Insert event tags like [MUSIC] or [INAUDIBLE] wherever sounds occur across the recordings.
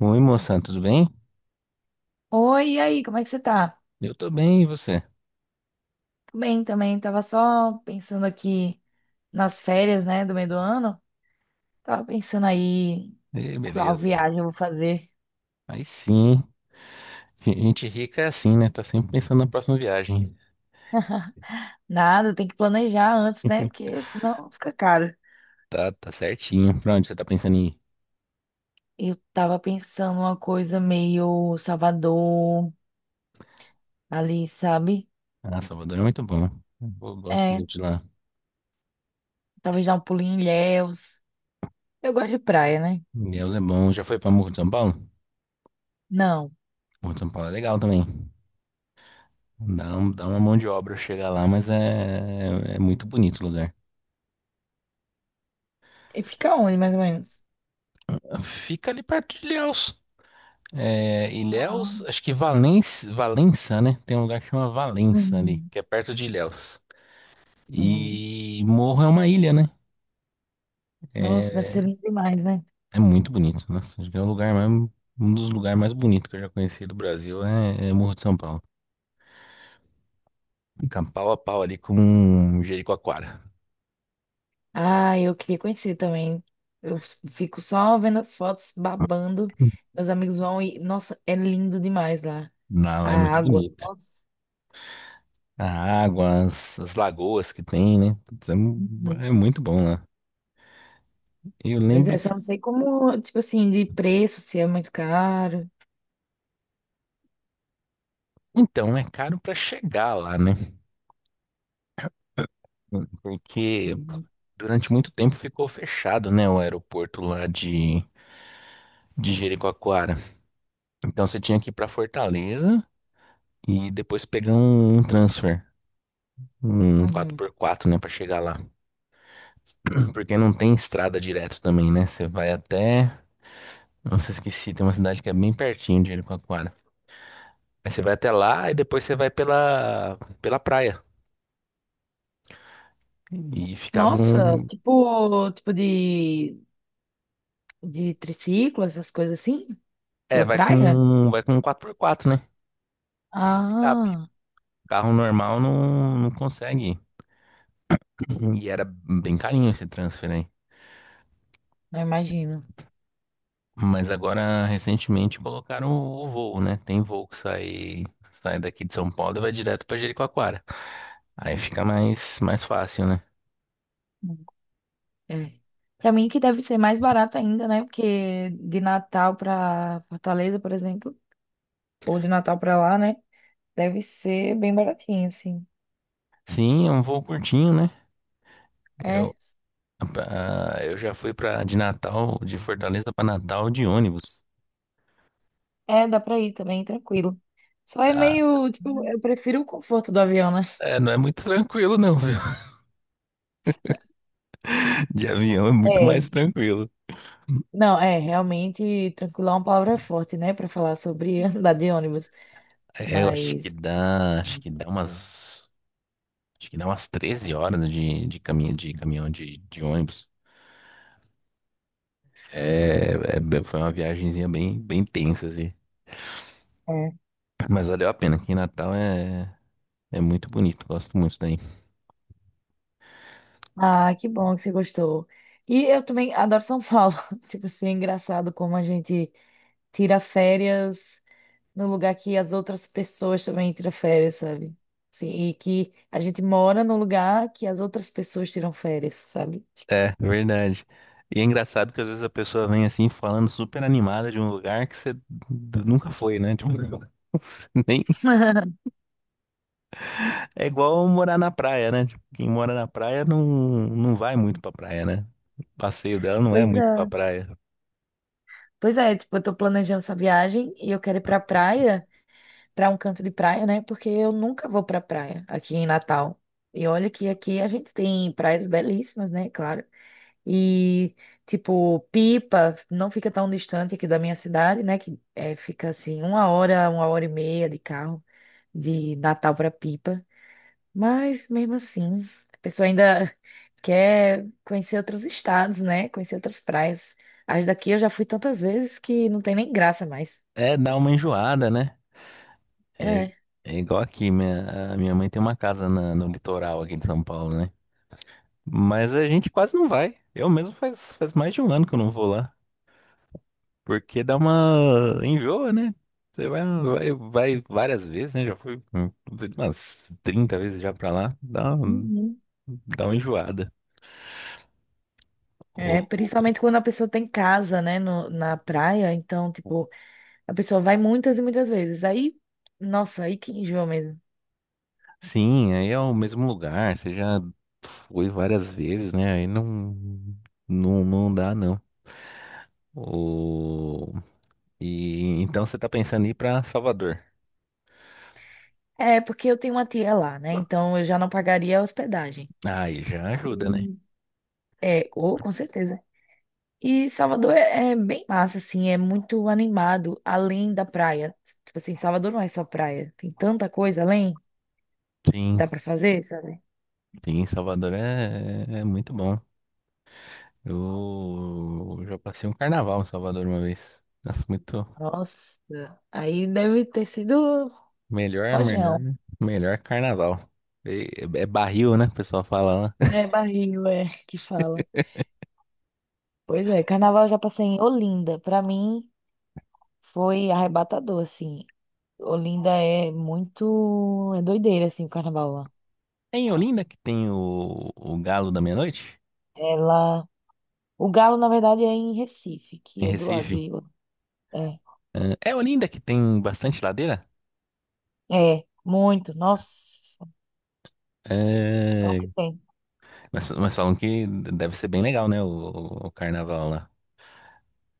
Oi, moça, tudo bem? Oi, e aí, como é que você tá? Eu tô bem, e você? Tô bem, também, tava só pensando aqui nas férias, né, do meio do ano. Tava pensando aí Ê, qual beleza. viagem eu vou fazer. Aí sim, gente rica é assim, né? Tá sempre pensando na próxima viagem. Nada, tem que planejar antes, né, porque senão fica caro. Tá, tá certinho. Pra onde você tá pensando em ir? Eu tava pensando uma coisa meio Salvador, ali, sabe? Ah, Salvador é muito bom. Eu gosto É, muito de lá. talvez dar um pulinho em Ilhéus. Eu gosto de praia, né? Deus é bom. Já foi pra Morro de São Paulo? Não. Morro de São Paulo é legal também. Dá uma mão de obra chegar lá, mas é muito bonito o lugar. E fica onde, mais ou menos? Fica ali perto de Ilhéus. É, Ah, Ilhéus, acho que Valença, Valença, né? Tem um lugar que chama Valença ali, hum, que é perto de Ilhéus. hum. E Morro é uma ilha, né? Nossa, deve É, ser lindo demais, né? é muito bonito. Nossa, acho que é o lugar mais, um dos lugares mais bonitos que eu já conheci do Brasil é Morro de São Paulo. Fica pau a pau ali com Jericoacoara. Ah, eu queria conhecer também. Eu fico só vendo as fotos, babando. Meus amigos vão e, nossa, é lindo demais lá. Lá, A lá é muito água. bonito. Nossa. A água, as lagoas que tem, né? Putz, é, mu- Uhum. é muito bom lá. Eu Pois lembro é, que. só não sei como, tipo assim, de preço, se é muito caro. Então, é caro pra chegar lá, né? Porque Uhum. durante muito tempo ficou fechado, né? O aeroporto lá de Jericoacoara. Então você tinha que ir pra Fortaleza, e depois pegar um transfer, um quatro Uhum. por quatro né, pra chegar lá. [CLEARS THROAT] Porque não tem estrada direto também, né? Você vai até, não nossa, esqueci, tem uma cidade que é bem pertinho de Jericoacoara. Aí você vai até lá e depois você vai pela praia. E Nossa, tipo de triciclo, essas coisas assim, pela vai praia? com vai com um 4x4, né? Do Picape. Ah, Carro normal não, não consegue ir. E era bem carinho esse transfer aí. não imagino. Mas agora, recentemente, colocaram o voo, né? Tem voo que sai daqui de São Paulo e vai direto pra Jericoacoara. Aí fica mais fácil, né? Uhum. É. Pra mim que deve ser mais barato ainda, né? Porque de Natal pra Fortaleza, por exemplo, ou de Natal pra lá, né? Deve ser bem baratinho, assim. Sim, é um voo curtinho, né? Eu, É, eu já fui de Natal, de Fortaleza pra Natal de ônibus. é, dá pra ir também, tranquilo. Só é Ah, meio, tipo, eu prefiro o conforto do avião, né? é, não é muito tranquilo, não, viu? [LAUGHS] De avião é muito É, mais tranquilo. não, é, realmente, tranquilo é uma palavra forte, né, pra falar sobre [LAUGHS] andar de ônibus, É, eu mas... acho que dá umas 13 horas de caminho, de ônibus. É, foi uma viagenzinha bem tensa, assim. É. Mas valeu a pena. Aqui em Natal é muito bonito. Gosto muito daí. Ah, que bom que você gostou. E eu também adoro São Paulo. [LAUGHS] Tipo assim, é engraçado como a gente tira férias no lugar que as outras pessoas também tiram férias, sabe? Sim, e que a gente mora no lugar que as outras pessoas tiram férias, sabe? É, verdade. E é engraçado que às vezes a pessoa vem assim falando super animada de um lugar que você nunca foi, né? Tipo, [LAUGHS] nem. [LAUGHS] É igual morar na praia, né? Tipo, quem mora na praia não, não vai muito pra praia, né? O passeio dela não é Pois muito pra é. praia. Pois é, tipo, eu tô planejando essa viagem e eu quero ir pra praia, pra um canto de praia, né? Porque eu nunca vou pra praia aqui em Natal. E olha que aqui a gente tem praias belíssimas, né? Claro. E, tipo, Pipa não fica tão distante aqui da minha cidade, né? Que é, fica assim, uma hora e meia de carro de Natal para Pipa. Mas mesmo assim, a pessoa ainda [LAUGHS] quer conhecer outros estados, né? Conhecer outras praias. As daqui eu já fui tantas vezes que não tem nem graça mais. É, dá uma enjoada, né? É, É. é igual aqui, a minha mãe tem uma casa no litoral aqui de São Paulo, né? Mas a gente quase não vai. Eu mesmo faz mais de um ano que eu não vou lá. Porque dá uma enjoa, né? Você vai várias vezes, né? Já fui umas 30 vezes já pra lá. Dá, um- Uhum. dá uma enjoada. É, o- o- principalmente quando a pessoa tem casa, né, na praia, então, tipo, a pessoa vai muitas e muitas vezes. Aí, nossa, aí que enjoa mesmo. Sim, aí é o mesmo lugar. Você já foi várias vezes, né? Aí não, não, não dá, não. O... E então você tá pensando em ir pra Salvador. É, porque eu tenho uma tia lá, né? Então eu já não pagaria a hospedagem. Ah, aí já ajuda, né? E- É, ou com certeza. E Salvador é bem massa, assim, é muito animado, além da praia. Tipo assim, Salvador não é só praia, tem tanta coisa além, Sim, dá pra fazer, sabe? sim, Salvador é muito bom. Eu já passei um carnaval em Salvador uma vez. Nossa, muito Nossa, aí deve ter sido melhor, melhor, rojão, melhor carnaval. E- é barril, né? O pessoal fala lá. né? Barril, é, que fala. Pois é, carnaval eu já passei em Olinda. Pra mim foi arrebatador, assim. Olinda é muito. É doideira, assim, o carnaval lá. É em Olinda que tem o Galo da Meia-Noite? Ela. O Galo, na verdade, é em Recife, que Em é do lado Recife? de. É, É Olinda que tem bastante ladeira? é, muito. Nossa, só o É, que tem. mas falam que deve ser bem legal, né? O carnaval lá.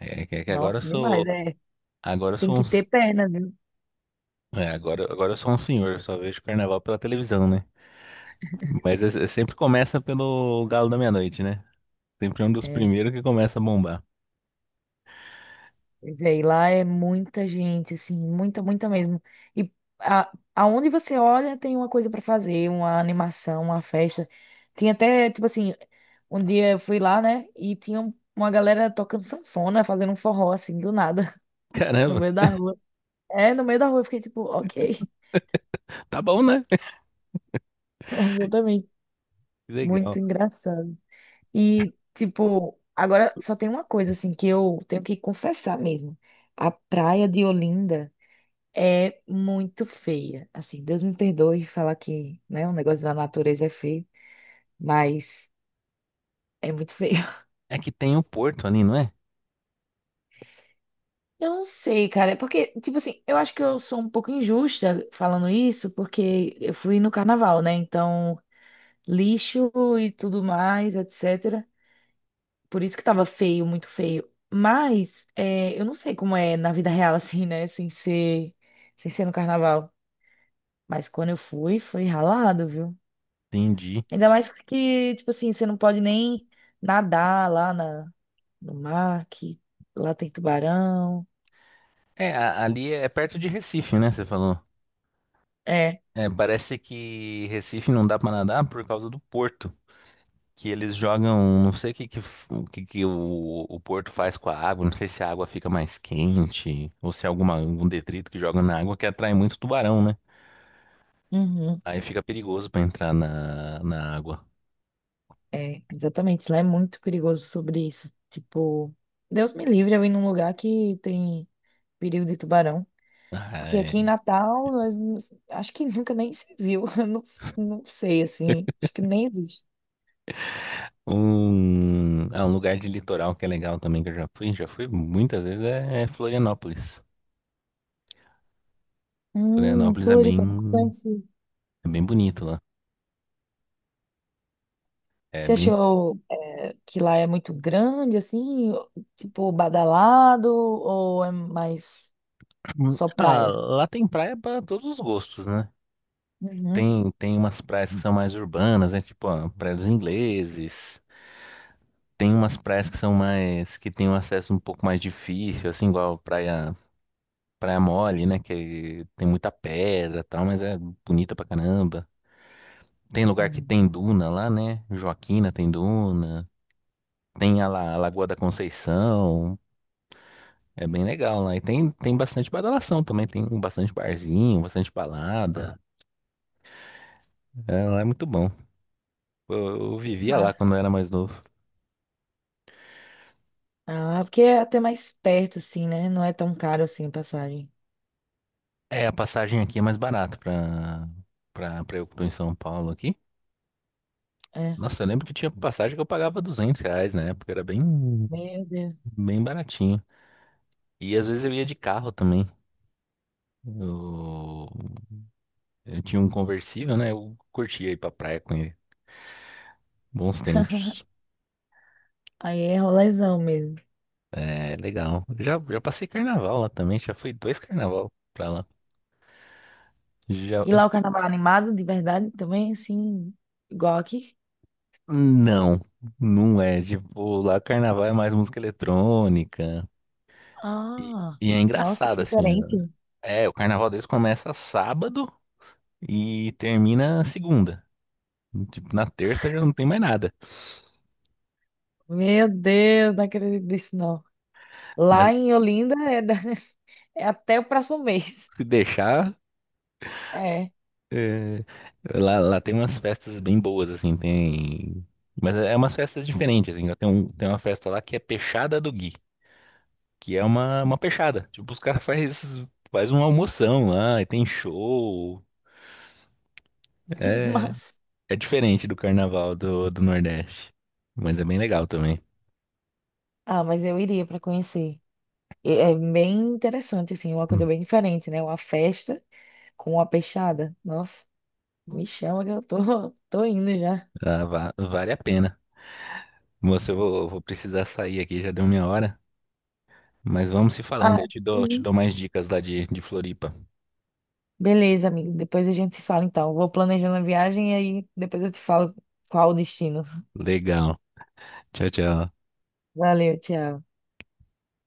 É que agora eu Nossa, demais. sou. É, Agora eu tem sou que ter perna, viu? Um senhor, só vejo carnaval pela televisão, né? Mas é sempre começa pelo Galo da Meia-Noite, né? Sempre é um dos É. primeiros que começa a bombar. Pois é, e lá é muita gente, assim, muita, muita mesmo. E aonde você olha, tem uma coisa pra fazer, uma animação, uma festa. Tinha até, tipo assim, um dia eu fui lá, né? E tinha uma galera tocando sanfona, fazendo um forró, assim, do nada, [LAUGHS] [LAUGHS] no Caramba, meio da rua. É, no meio da rua, eu fiquei tipo, ok. tá bom, né? [LAUGHS] Eu também. Que Muito legal. engraçado. E, tipo, agora só tem uma coisa, assim, que eu tenho que confessar mesmo. A praia de Olinda é muito feia. Assim, Deus me perdoe falar que, né, um negócio da natureza é feio, mas é muito feio. [LAUGHS] É que tem o Porto ali, não é? Eu não sei, cara. É porque, tipo assim, eu acho que eu sou um pouco injusta falando isso, porque eu fui no carnaval, né? Então, lixo e tudo mais, etc. Por isso que tava feio, muito feio. Mas é, eu não sei como é na vida real, [LAUGHS] assim, né? Sem ser no carnaval. Mas quando eu fui, foi ralado, viu? Entendi. Ainda mais que, tipo assim, você não pode nem nadar lá no mar, que lá tem tubarão. É, ali é perto de Recife, né? Você falou. É, É, parece que Recife não dá pra nadar por causa do Porto. Que eles jogam, não sei o que, que, o, que, que o Porto faz com a água, não sei se a água fica mais quente ou se é algum detrito que joga na água que atrai muito tubarão, né? uhum, Aí fica perigoso pra entrar na água. é, exatamente. Lá é muito perigoso sobre isso. Tipo, Deus me livre eu ir num lugar que tem perigo de tubarão. Ah, Porque é. aqui em Natal, acho que nunca nem se viu. [LAUGHS] Eu não, não sei, assim. Acho que nem existe. Um lugar de litoral que é legal também, que eu já fui muitas vezes, é Florianópolis. Florianópolis é Floripa, nunca bem, conheci. é bem bonito lá. É Você bem. achou que lá é muito grande, assim? Tipo, badalado? Ou é mais [CLEARS THROAT] só Ah, praia? lá tem praia pra todos os gostos, né? Uhum. Tem umas praias que são mais urbanas, né? Tipo, ó, Praia dos Ingleses. Tem umas praias que são mais, que tem um acesso um pouco mais difícil, assim, igual Praia Mole, né? Que tem muita pedra e tal, mas é bonita pra caramba. Tem lugar que Uhum. tem duna lá, né? Joaquina tem duna. Tem a Lagoa da Conceição. É bem legal lá. E tem bastante badalação também. Tem bastante barzinho, bastante balada. É, lá é muito bom. Eu vivia lá Massa. quando eu era mais novo. Ah, porque é até mais perto, assim, né? Não é tão caro assim a passagem. É, a passagem aqui é mais barata pra eu que tô em São Paulo aqui. É. Nossa, eu lembro que tinha passagem que eu pagava R$ 200 na época, era bem, Meu Deus. bem baratinho. E às vezes eu ia de carro também. Eu, eu tinha um conversível, né? Eu curtia ir pra praia com ele. Bons tempos. Aí é rolezão mesmo. É legal. Já passei carnaval lá também, já fui dois carnaval pra lá. Já... E lá o carnaval é animado, de verdade, também, assim, igual aqui? Não, não é. Tipo, lá carnaval é mais música eletrônica. E, Ah, e é nossa, que engraçado, assim. diferente. É, o carnaval deles começa sábado e termina segunda. Tipo, na terça já não tem mais nada. Meu Deus, não acredito nisso, não. Lá Mas em Olinda é, [LAUGHS] é até o próximo mês. se deixar, É, é, lá tem umas festas bem boas, assim, tem. Mas é umas festas diferentes, assim. Tem uma festa lá que é Peixada do Gui, que é uma peixada. Tipo, os caras [LAUGHS] faz uma almoção lá e tem show. [LAUGHS] É, mas... é diferente do carnaval do Nordeste. Mas é bem legal também. Ah, mas eu iria para conhecer. E é bem interessante, assim, uma coisa Hum. bem diferente, né? Uma festa com uma peixada. Nossa, me chama que eu tô, [LAUGHS] tô indo já. Ah, vale a pena. Moça, eu vou, precisar sair aqui, já deu minha hora. Mas vamos se falando, Ah, eu te dou, te uhum, dou mais dicas lá de Floripa. beleza, amigo. Depois a gente se fala, então. Vou planejando a viagem e aí depois eu te falo qual o destino. Legal. Tchau, tchau. Valeu, tchau.